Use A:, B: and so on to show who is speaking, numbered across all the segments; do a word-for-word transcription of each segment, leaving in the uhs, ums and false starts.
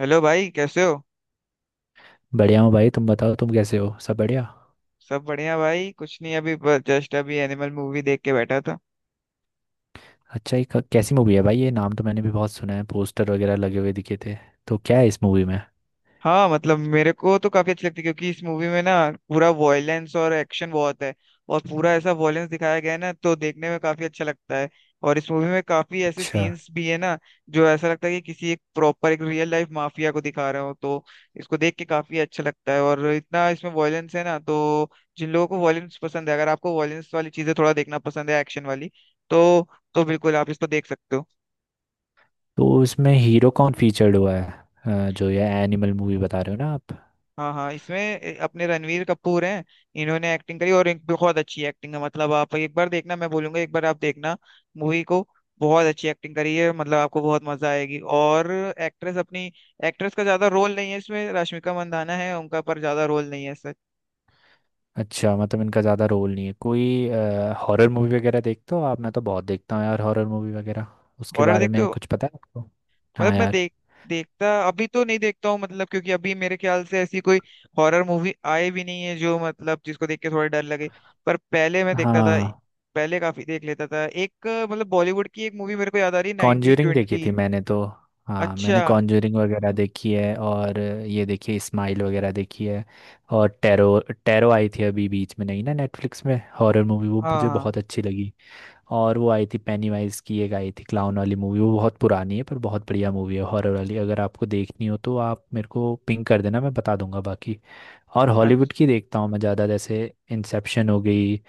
A: Hello भाई, कैसे हो।
B: बढ़िया हूँ भाई। तुम बताओ, तुम कैसे हो? सब बढ़िया?
A: सब बढ़िया भाई, कुछ नहीं अभी। जस्ट अभी एनिमल मूवी देख के बैठा था।
B: अच्छा, ये क- कैसी मूवी है भाई? ये नाम तो मैंने भी बहुत सुना है, पोस्टर वगैरह लगे हुए दिखे थे। तो क्या है इस मूवी में?
A: हाँ, मतलब मेरे को तो काफी अच्छी लगती है, क्योंकि इस मूवी में ना पूरा वॉयलेंस और एक्शन बहुत है। और पूरा ऐसा वॉयलेंस दिखाया गया है ना, तो देखने में काफी अच्छा लगता है। और इस मूवी में काफी ऐसे
B: अच्छा।
A: सीन्स भी है ना, जो ऐसा लगता है कि किसी एक प्रॉपर एक रियल लाइफ माफिया को दिखा रहे हो, तो इसको देख के काफी अच्छा लगता है। और इतना इसमें वॉयलेंस है ना, तो जिन लोगों को वॉयलेंस पसंद है, अगर आपको वॉयलेंस वाली चीजें थोड़ा देखना पसंद है एक्शन वाली, तो तो बिल्कुल आप इसको देख सकते हो।
B: तो इसमें हीरो कौन फीचर्ड हुआ है? अ, जो ये एनिमल मूवी बता रहे हो ना आप।
A: हाँ हाँ, इसमें ए- अपने रणवीर कपूर हैं। इन्होंने एक्टिंग करी और एक बहुत अच्छी एक्टिंग है, मतलब आप एक बार देखना, मैं बोलूंगा एक बार आप देखना मूवी को। बहुत अच्छी एक्टिंग करी है, मतलब आपको बहुत मजा आएगी। और एक्ट्रेस अपनी एक्ट्रेस का ज्यादा रोल नहीं है इसमें, रश्मिका मंदाना है उनका, पर ज्यादा रोल नहीं है सर।
B: अच्छा, मतलब इनका ज़्यादा रोल नहीं है कोई। हॉरर मूवी वगैरह देखते हो आप? मैं तो बहुत देखता हूँ यार हॉरर मूवी वगैरह। उसके
A: हॉरर
B: बारे
A: देखते
B: में
A: हो।
B: कुछ पता है आपको?
A: मतलब
B: हाँ
A: मैं
B: यार।
A: देख देखता अभी तो नहीं देखता हूँ, मतलब क्योंकि अभी मेरे ख्याल से ऐसी कोई हॉरर मूवी आई भी नहीं है, जो मतलब जिसको देख के थोड़ा डर लगे। पर पहले मैं देखता था।
B: हाँ,
A: पहले काफी देख लेता था। एक अ, मतलब बॉलीवुड की एक मूवी मेरे को याद आ रही है, नाइनटीन
B: कॉन्ज्यूरिंग देखी थी
A: ट्वेंटी
B: मैंने तो। हाँ मैंने
A: अच्छा।
B: कॉन्ज्यूरिंग वगैरह देखी है और ये देखिए स्माइल वगैरह देखी है। और टेरो। टेरो आई थी अभी बीच में नहीं ना, नेटफ्लिक्स में हॉरर मूवी, वो
A: हाँ
B: मुझे
A: हाँ।
B: बहुत अच्छी लगी। और वो आई थी पेनीवाइज की, एक आई थी क्लाउन वाली मूवी, वो बहुत पुरानी है पर बहुत बढ़िया मूवी है हॉरर वाली। अगर आपको देखनी हो तो आप मेरे को पिंग कर देना, मैं बता दूंगा बाकी। और
A: अच्छा।
B: हॉलीवुड की देखता हूँ मैं ज़्यादा, जैसे इंसेप्शन हो गई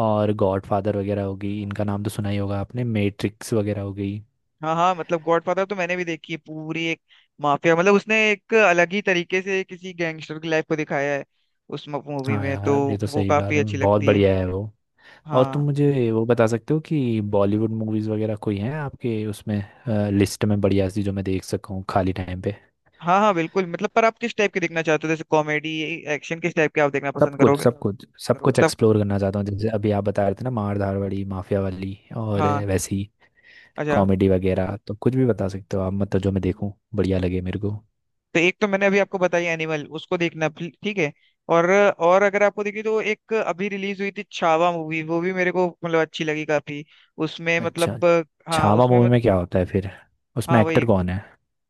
B: और गॉडफादर वगैरह हो गई, इनका नाम तो सुना ही होगा आपने, मैट्रिक्स वगैरह हो गई।
A: हाँ हाँ, मतलब गॉडफादर तो मैंने भी देखी है पूरी एक। माफिया, मतलब उसने एक अलग ही तरीके से किसी गैंगस्टर की लाइफ को दिखाया है उस मूवी
B: हाँ
A: में तो।
B: यार, ये तो
A: वो
B: सही कहा
A: काफी अच्छी
B: तुमने, बहुत
A: लगती है।
B: बढ़िया है वो। और तुम
A: हाँ
B: मुझे वो बता सकते हो कि बॉलीवुड मूवीज वगैरह कोई हैं आपके उसमें लिस्ट में बढ़िया सी, जो मैं देख सकूँ खाली टाइम पे?
A: हाँ। हाँ बिल्कुल, मतलब पर आप किस टाइप के देखना चाहते हो, जैसे कॉमेडी एक्शन किस टाइप के आप देखना
B: सब
A: पसंद
B: कुछ
A: करोगे।
B: सब कुछ सब कुछ
A: सब।
B: एक्सप्लोर करना चाहता हूँ, जैसे अभी आप बता रहे थे ना, मार धाड़ माफिया वाली और
A: हाँ।
B: वैसी।
A: अच्छा।
B: कॉमेडी वगैरह तो कुछ भी बता सकते हो आप, मतलब जो मैं देखूं बढ़िया लगे मेरे को।
A: तो एक तो मैंने अभी आपको बताई एनिमल, उसको देखना फिर- ठीक है। और और अगर आपको देखिए तो एक अभी रिलीज हुई थी छावा मूवी, वो भी मेरे को मतलब अच्छी लगी काफी। उसमें
B: अच्छा।
A: मतलब। हाँ
B: छावा
A: उसमें
B: मूवी
A: मत।
B: में क्या होता है फिर? उसमें
A: हाँ
B: एक्टर
A: वही।
B: कौन है?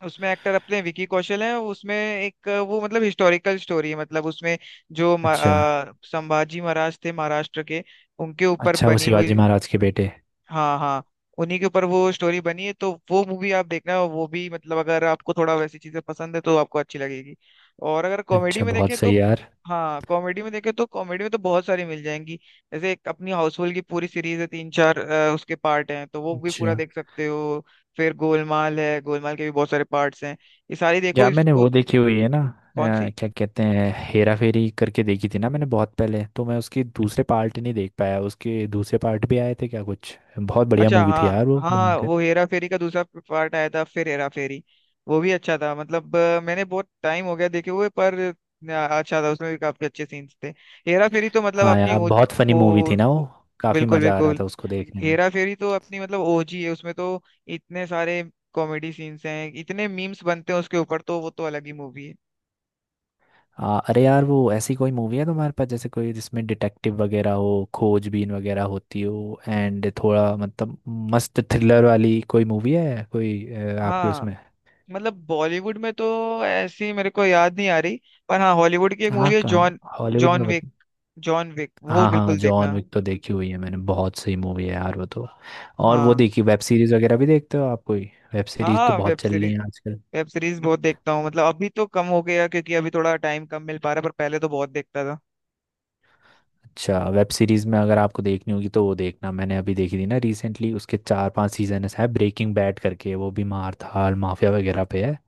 A: उसमें एक्टर अपने विकी कौशल हैं। उसमें एक वो मतलब हिस्टोरिकल स्टोरी है, मतलब उसमें जो म-
B: अच्छा।
A: अ, संभाजी महाराज थे महाराष्ट्र के, उनके ऊपर
B: अच्छा वो
A: बनी हुई।
B: शिवाजी महाराज के बेटे।
A: हाँ हाँ। उन्हीं के ऊपर वो स्टोरी बनी है, तो वो मूवी आप देखना, वो भी मतलब अगर आपको थोड़ा वैसी चीजें पसंद है तो आपको अच्छी लगेगी। और अगर कॉमेडी
B: अच्छा,
A: में
B: बहुत
A: देखें तो।
B: सही यार।
A: हाँ कॉमेडी में देखें तो, कॉमेडी में तो बहुत सारी मिल जाएंगी। जैसे एक अपनी हाउसफुल की पूरी सीरीज है, तीन चार अ, उसके पार्ट हैं, तो वो भी पूरा
B: अच्छा।
A: देख सकते हो। फिर गोलमाल है, गोलमाल के भी बहुत सारे पार्ट्स हैं। ये सारी देखो
B: यार मैंने
A: इसको।
B: वो देखी हुई है ना।
A: कौन सी।
B: अ, क्या कहते हैं, हेरा फेरी करके देखी थी ना मैंने बहुत पहले, तो मैं उसकी दूसरे पार्ट नहीं देख पाया, उसके दूसरे पार्ट भी आए थे क्या? कुछ बहुत बढ़िया
A: अच्छा
B: मूवी
A: हाँ।
B: थी यार वो,
A: हाँ हाँ,
B: भयंकर।
A: वो हेरा फेरी का दूसरा पार्ट आया था फिर, हेरा फेरी। वो भी अच्छा था, मतलब अ, मैंने बहुत टाइम हो गया देखे हुए, पर अ, अच्छा था, उसमें भी काफी अच्छे सीन्स थे। हेरा फेरी तो मतलब
B: हाँ
A: अपनी
B: यार
A: ओ,
B: बहुत फनी मूवी
A: ओ,
B: थी ना वो।
A: ओ
B: काफी
A: बिल्कुल
B: मजा आ रहा
A: बिल्कुल।
B: था उसको देखने में।
A: हेरा फेरी तो अपनी मतलब ओ जी है उसमें तो। इतने सारे कॉमेडी सीन्स हैं, इतने मीम्स बनते हैं उसके ऊपर, तो वो तो अलग ही मूवी है।
B: आ, अरे यार, वो ऐसी कोई मूवी है तुम्हारे पास जैसे कोई जिसमें डिटेक्टिव वगैरह हो, खोजबीन वगैरह होती हो एंड थोड़ा मतलब मस्त थ्रिलर वाली कोई मूवी है कोई अ, आपके
A: हाँ
B: उसमें?
A: मतलब बॉलीवुड में तो ऐसी मेरे को याद नहीं आ रही। पर हाँ, हॉलीवुड की एक
B: हाँ
A: मूवी है
B: कहाँ,
A: जॉन,
B: हॉलीवुड
A: जॉन
B: में?
A: विक। जॉन विक वो
B: हाँ हाँ,
A: बिल्कुल
B: जॉन
A: देखना।
B: विक तो देखी हुई है मैंने, बहुत सही मूवी है यार वो तो। और वो
A: हाँ
B: देखी, वेब सीरीज वगैरह भी देखते हो आप कोई? वेब सीरीज तो
A: हाँ। वेब
B: बहुत चल रही
A: सीरीज
B: है आजकल।
A: वेब सीरीज बहुत देखता हूँ, मतलब अभी तो कम हो गया, क्योंकि अभी थोड़ा टाइम कम मिल पा रहा है, पर पहले तो बहुत देखता था।
B: अच्छा, वेब सीरीज में अगर आपको देखनी होगी तो वो देखना, मैंने अभी देखी थी ना रिसेंटली, उसके चार पांच सीजन है ब्रेकिंग बैड करके, वो भी मार धाड़ माफिया वगैरह पे है।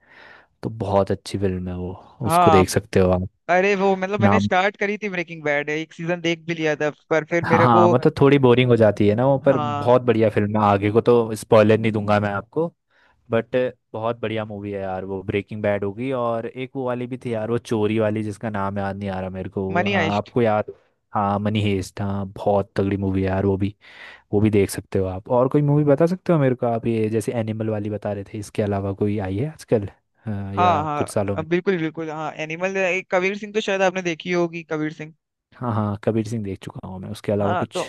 B: तो बहुत अच्छी फिल्म है वो, उसको
A: हाँ।
B: देख सकते हो आप।
A: अरे वो मतलब मैंने
B: नाम।
A: स्टार्ट करी थी ब्रेकिंग बैड, एक सीजन देख भी लिया था, पर फिर मेरे को।
B: हाँ मतलब थोड़ी बोरिंग हो जाती है ना वो, पर
A: हाँ
B: बहुत बढ़िया फिल्म है आगे को, तो स्पॉइलर नहीं दूंगा मैं आपको। बट बहुत बढ़िया मूवी है यार वो ब्रेकिंग बैड होगी। और एक वो वाली भी थी यार, वो चोरी वाली, जिसका नाम याद नहीं आ रहा मेरे को,
A: मनी
B: आ,
A: हाइस्ट।
B: आपको याद? हाँ मनी हेस्ट, हाँ बहुत तगड़ी मूवी है यार वो भी। वो भी देख सकते हो आप। और कोई मूवी बता सकते हो मेरे को आप? ये जैसे एनिमल वाली बता रहे थे, इसके अलावा कोई आई है आजकल? हाँ,
A: हाँ
B: या कुछ सालों
A: हाँ
B: में?
A: बिल्कुल बिल्कुल। हाँ एनिमल एक, कबीर सिंह तो शायद आपने देखी होगी, कबीर सिंह।
B: हाँ हाँ, कबीर सिंह देख चुका हूँ मैं, उसके अलावा
A: हाँ तो
B: कुछ?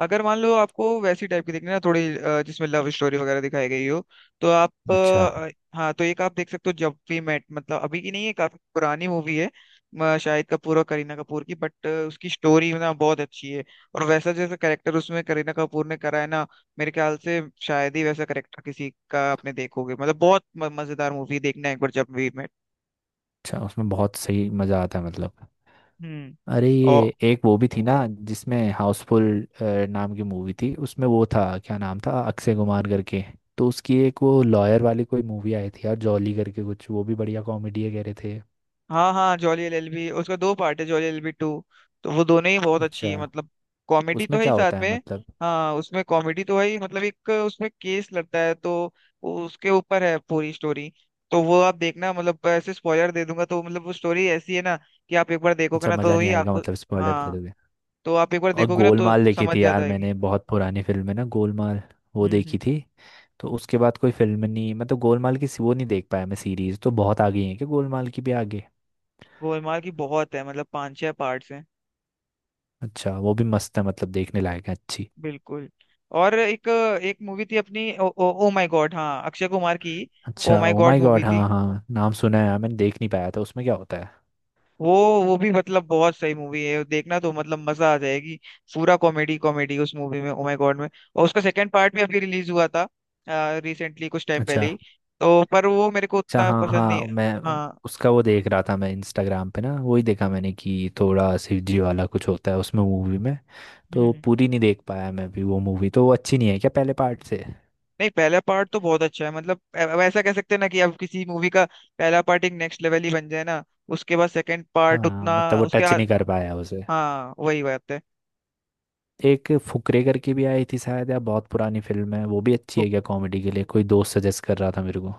A: अगर मान लो आपको वैसी टाइप की देखनी है ना, थोड़ी अ, जिसमें लव स्टोरी वगैरह दिखाई गई हो, तो आप
B: अच्छा।
A: अ, हाँ तो एक आप देख सकते हो, जब वी मेट, मतलब अभी की नहीं है, काफी पुरानी मूवी है। म, शाहिद कपूर और करीना कपूर की, बट उसकी स्टोरी ना बहुत अच्छी है। और वैसा जैसा करेक्टर उसमें करीना कपूर ने करा है ना, मेरे ख्याल से शायद ही वैसा करेक्टर किसी का आपने देखोगे, मतलब बहुत म- मजेदार मूवी, देखना एक बार जब वी मेट।
B: अच्छा उसमें बहुत सही मज़ा आता है मतलब।
A: हम्म।
B: अरे, ये एक वो भी थी ना जिसमें हाउसफुल नाम की मूवी थी, उसमें वो था, क्या नाम था, अक्षय कुमार करके। तो उसकी एक वो लॉयर वाली कोई मूवी आई थी यार, जॉली करके कुछ, वो भी बढ़िया कॉमेडी है कह रहे थे।
A: हाँ हाँ, जॉली एल एल बी, उसका दो पार्ट है, jolly L L B to. तो वो दोनों ही बहुत अच्छी
B: अच्छा।
A: है, मतलब कॉमेडी तो
B: उसमें
A: है ही
B: क्या
A: साथ
B: होता है
A: में।
B: मतलब?
A: हाँ उसमें कॉमेडी तो है ही, मतलब एक उसमें केस लड़ता है, तो वो उसके ऊपर है पूरी स्टोरी। तो वो आप देखना, मतलब ऐसे स्पॉइलर दे दूंगा तो मतलब, वो स्टोरी ऐसी है ना कि आप एक बार देखोगे
B: अच्छा,
A: ना
B: मज़ा
A: तो
B: नहीं
A: ही
B: आएगा
A: आपको।
B: मतलब स्पॉइलर दे
A: हाँ
B: दोगे।
A: तो आप एक बार
B: और
A: देखोगे ना, तो
B: गोलमाल देखी
A: समझ
B: थी
A: जाता
B: यार
A: है कि।
B: मैंने, बहुत पुरानी फिल्म है ना गोलमाल, वो
A: हम्म
B: देखी
A: हम्म।
B: थी। तो उसके बाद कोई फिल्म नहीं, मतलब गोलमाल की वो नहीं देख पाया मैं, सीरीज तो बहुत आगे है क्या, गोलमाल की भी आगे?
A: गोलमाल की बहुत है, मतलब पांच छह पार्ट्स हैं।
B: अच्छा वो भी मस्त है मतलब, देखने लायक है अच्छी।
A: बिल्कुल। और एक, एक मूवी थी अपनी oh, oh, oh my god, हाँ अक्षय कुमार की। ओ
B: अच्छा
A: my
B: oh
A: god
B: my
A: movie
B: god,
A: थी
B: हाँ हाँ नाम सुना है यार, मैंने देख नहीं पाया था, उसमें क्या होता है?
A: वो। वो भी मतलब बहुत सही मूवी है, देखना तो मतलब मजा आ जाएगी। पूरा कॉमेडी कॉमेडी उस मूवी में, ओ माय गॉड में। और उसका सेकंड पार्ट भी अभी रिलीज हुआ था रिसेंटली, कुछ टाइम
B: अच्छा।
A: पहले ही। तो पर वो मेरे को
B: अच्छा
A: उतना
B: हाँ
A: पसंद नहीं
B: हाँ,
A: है।
B: मैं
A: हाँ।
B: उसका वो देख रहा था मैं इंस्टाग्राम पे ना, वही देखा मैंने कि थोड़ा शिवजी वाला कुछ होता है उसमें मूवी में। तो
A: हम्म।
B: पूरी नहीं देख पाया मैं भी वो मूवी, तो वो अच्छी नहीं है क्या पहले पार्ट से?
A: नहीं, पहला पार्ट तो बहुत अच्छा है, मतलब अ- अब ऐसा कह सकते हैं ना कि अब किसी मूवी का पहला पार्ट एक नेक्स्ट लेवल ही बन जाए ना, उसके बाद सेकंड पार्ट
B: हाँ
A: उतना।
B: मतलब वो
A: उसके।
B: टच नहीं कर पाया उसे।
A: हाँ वही बात है।
B: एक फुकरे करके भी आई थी शायद, या बहुत पुरानी फिल्म है, वो भी अच्छी
A: वो-
B: है क्या कॉमेडी के लिए? कोई दोस्त सजेस्ट कर रहा था मेरे को।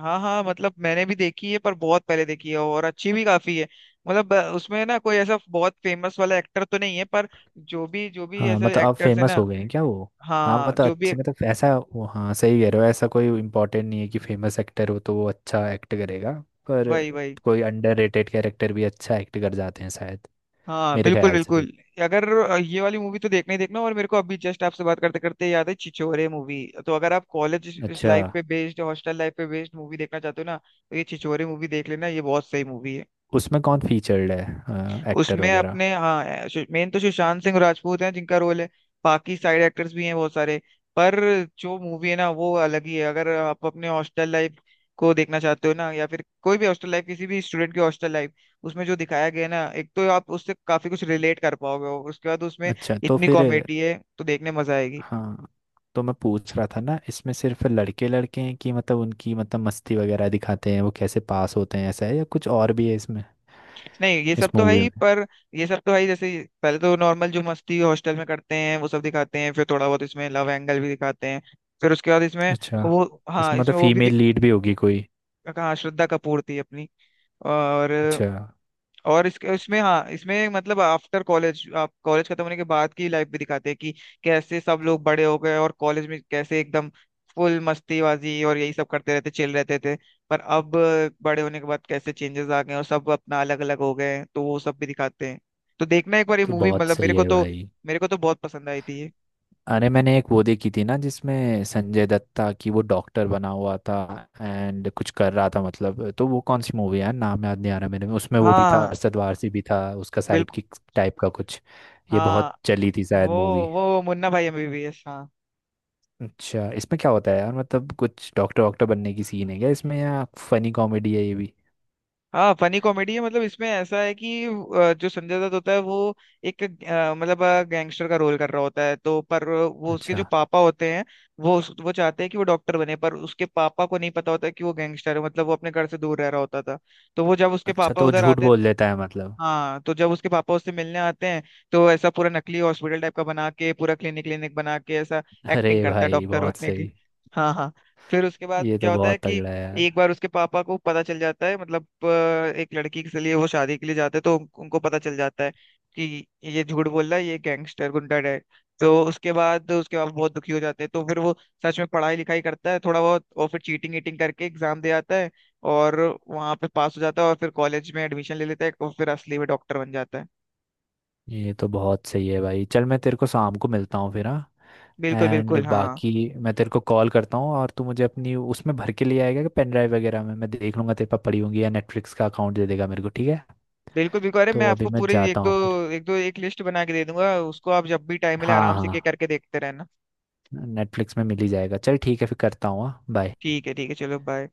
A: हाँ हाँ, मतलब मैंने भी देखी है, पर बहुत पहले देखी है, और अच्छी भी काफी है। मतलब अ, उसमें ना कोई ऐसा बहुत फेमस वाला एक्टर तो नहीं है, पर जो भी जो भी
B: हाँ
A: ऐसे
B: मतलब अब
A: एक्टर्स है
B: फेमस
A: ना।
B: हो गए हैं क्या वो? हाँ
A: हाँ
B: मतलब
A: जो भी।
B: अच्छे, मतलब ऐसा। वो हाँ सही कह रहे हो, ऐसा कोई इम्पोर्टेंट नहीं है कि फेमस एक्टर हो तो वो अच्छा एक्ट करेगा। पर
A: वही वही।
B: कोई अंडररेटेड कैरेक्टर भी अच्छा एक्ट कर जाते हैं शायद,
A: हाँ
B: मेरे
A: बिल्कुल
B: ख्याल से तो।
A: बिल्कुल। अगर अ, ये वाली मूवी तो देखना ही देखना, और मेरे को अभी जस्ट आपसे बात करते करते याद है छिछोरे मूवी। तो अगर आप कॉलेज
B: अच्छा,
A: लाइफ पे बेस्ड हॉस्टल लाइफ पे बेस्ड मूवी देखना चाहते हो ना, तो ये छिछोरे मूवी देख लेना, ये बहुत सही मूवी है।
B: उसमें कौन फीचर्ड है एक्टर
A: उसमें
B: वगैरह?
A: अपने, हाँ मेन तो सुशांत सिंह राजपूत हैं, जिनका रोल है। बाकी साइड एक्टर्स भी हैं बहुत सारे। पर जो मूवी है ना वो अलग ही है, अगर आप अपने हॉस्टल लाइफ को देखना चाहते हो ना, या फिर कोई भी हॉस्टल लाइफ, किसी भी स्टूडेंट की हॉस्टल लाइफ, उसमें जो दिखाया गया है ना, एक तो आप उससे काफी कुछ रिलेट कर पाओगे, और उसके बाद उसमें
B: अच्छा तो
A: इतनी
B: फिर
A: कॉमेडी है, तो देखने मजा आएगी।
B: हाँ, तो मैं पूछ रहा था ना इसमें सिर्फ लड़के लड़के हैं कि, मतलब उनकी मतलब मस्ती वगैरह दिखाते हैं वो, कैसे पास होते हैं, ऐसा है या कुछ और भी है इसमें,
A: नहीं ये
B: इस
A: सब तो है
B: मूवी
A: ही,
B: में?
A: पर ये सब तो है ही। जैसे पहले तो नॉर्मल जो मस्ती हॉस्टल में करते हैं वो सब दिखाते हैं, फिर थोड़ा बहुत इसमें लव एंगल भी दिखाते हैं, फिर उसके बाद इसमें
B: अच्छा,
A: वो। हाँ
B: इसमें मतलब
A: इसमें वो भी
B: फीमेल
A: दिख।
B: लीड भी होगी कोई?
A: हाँ श्रद्धा कपूर थी अपनी। और
B: अच्छा
A: और इसके इसमें, हाँ इसमें मतलब आफ्टर कॉलेज, आप कॉलेज खत्म होने के बाद की लाइफ भी दिखाते हैं, कि कैसे सब लोग बड़े हो गए, और कॉलेज में कैसे एकदम फुल मस्तीबाजी और यही सब करते रहते, चिल रहते थे। पर अब बड़े होने के बाद कैसे चेंजेस आ गए, और सब अपना अलग अलग हो गए हैं, तो वो सब भी दिखाते हैं। तो देखना एक बार ये
B: तो
A: मूवी,
B: बहुत
A: मतलब मेरे
B: सही
A: को
B: है
A: तो
B: भाई।
A: मेरे को तो बहुत पसंद आई थी ये।
B: अरे मैंने एक वो देखी थी ना जिसमें संजय दत्ता की, वो डॉक्टर बना हुआ था एंड कुछ कर रहा था मतलब, तो वो कौन सी मूवी है, नाम याद नहीं आ रहा मेरे में, उसमें वो भी था,
A: हाँ
B: अरशद वारसी भी था उसका साइड
A: बिल्कुल
B: किक टाइप का कुछ। ये
A: हाँ।
B: बहुत चली थी शायद
A: वो
B: मूवी।
A: वो मुन्ना भाई एम बी बी एस।
B: अच्छा इसमें क्या होता है यार, मतलब कुछ डॉक्टर वॉक्टर बनने की सीन है क्या इसमें, या फनी कॉमेडी है ये भी?
A: हाँ फनी कॉमेडी है, मतलब इसमें ऐसा है कि अ, जो संजय दत्त होता है वो एक अ, मतलब गैंगस्टर का रोल कर रहा होता है, तो पर वो उसके जो
B: अच्छा।
A: पापा होते हैं वो उस- वो चाहते हैं कि वो डॉक्टर बने, पर उसके पापा को नहीं पता होता कि वो गैंगस्टर है, मतलब वो अपने घर से दूर रह रहा होता था, तो वो जब उसके
B: अच्छा
A: पापा
B: तो वो
A: उधर
B: झूठ
A: आते।
B: बोल देता है मतलब।
A: हाँ तो जब उसके पापा उससे मिलने आते हैं, तो ऐसा पूरा नकली हॉस्पिटल टाइप का बना के, पूरा क्लिनिक क्लिनिक बना के, ऐसा एक्टिंग
B: अरे
A: करता है
B: भाई
A: डॉक्टर
B: बहुत
A: बनने की।
B: सही।
A: हाँ हाँ। फिर उसके बाद
B: ये
A: क्या
B: तो
A: होता है
B: बहुत
A: कि
B: तगड़ा है यार।
A: एक बार उसके पापा को पता चल जाता है, मतलब अ, एक लड़की के लिए वो शादी के लिए जाते हैं, तो उन- उनको पता चल जाता है कि ये झूठ बोल रहा है, ये गैंगस्टर गुंडा है। तो उसके बाद उसके पापा बहुत दुखी हो जाते हैं, तो फिर वो सच में पढ़ाई लिखाई करता है थोड़ा बहुत, और फिर चीटिंग ईटिंग करके एग्जाम दे आता है, और वहाँ पे पास हो जाता है, और फिर कॉलेज में एडमिशन ले लेता है, और फिर असली में डॉक्टर बन जाता है।
B: ये तो बहुत सही है भाई, चल मैं तेरे को शाम को मिलता हूँ फिर, हाँ।
A: बिल्कुल
B: एंड
A: बिल्कुल हाँ।
B: बाकी मैं तेरे को कॉल करता हूँ और तू मुझे अपनी उसमें भर के ले आएगा कि, पेन ड्राइव वगैरह में मैं देख लूँगा तेरे पास पड़ी होंगी, या नेटफ्लिक्स का अकाउंट दे देगा मेरे को, ठीक है?
A: बिल्कुल बिल्कुल, अरे मैं
B: तो अभी
A: आपको
B: मैं
A: पूरी एक
B: जाता
A: दो
B: हूँ फिर।
A: एक दो एक लिस्ट बना के दे दूंगा, उसको आप जब भी टाइम मिले
B: हाँ
A: आराम से
B: हाँ,
A: के करके देखते रहना।
B: नेटफ्लिक्स में मिल ही जाएगा। चल ठीक है, फिर करता हूँ। हाँ बाय।
A: ठीक है ठीक है, चलो बाय।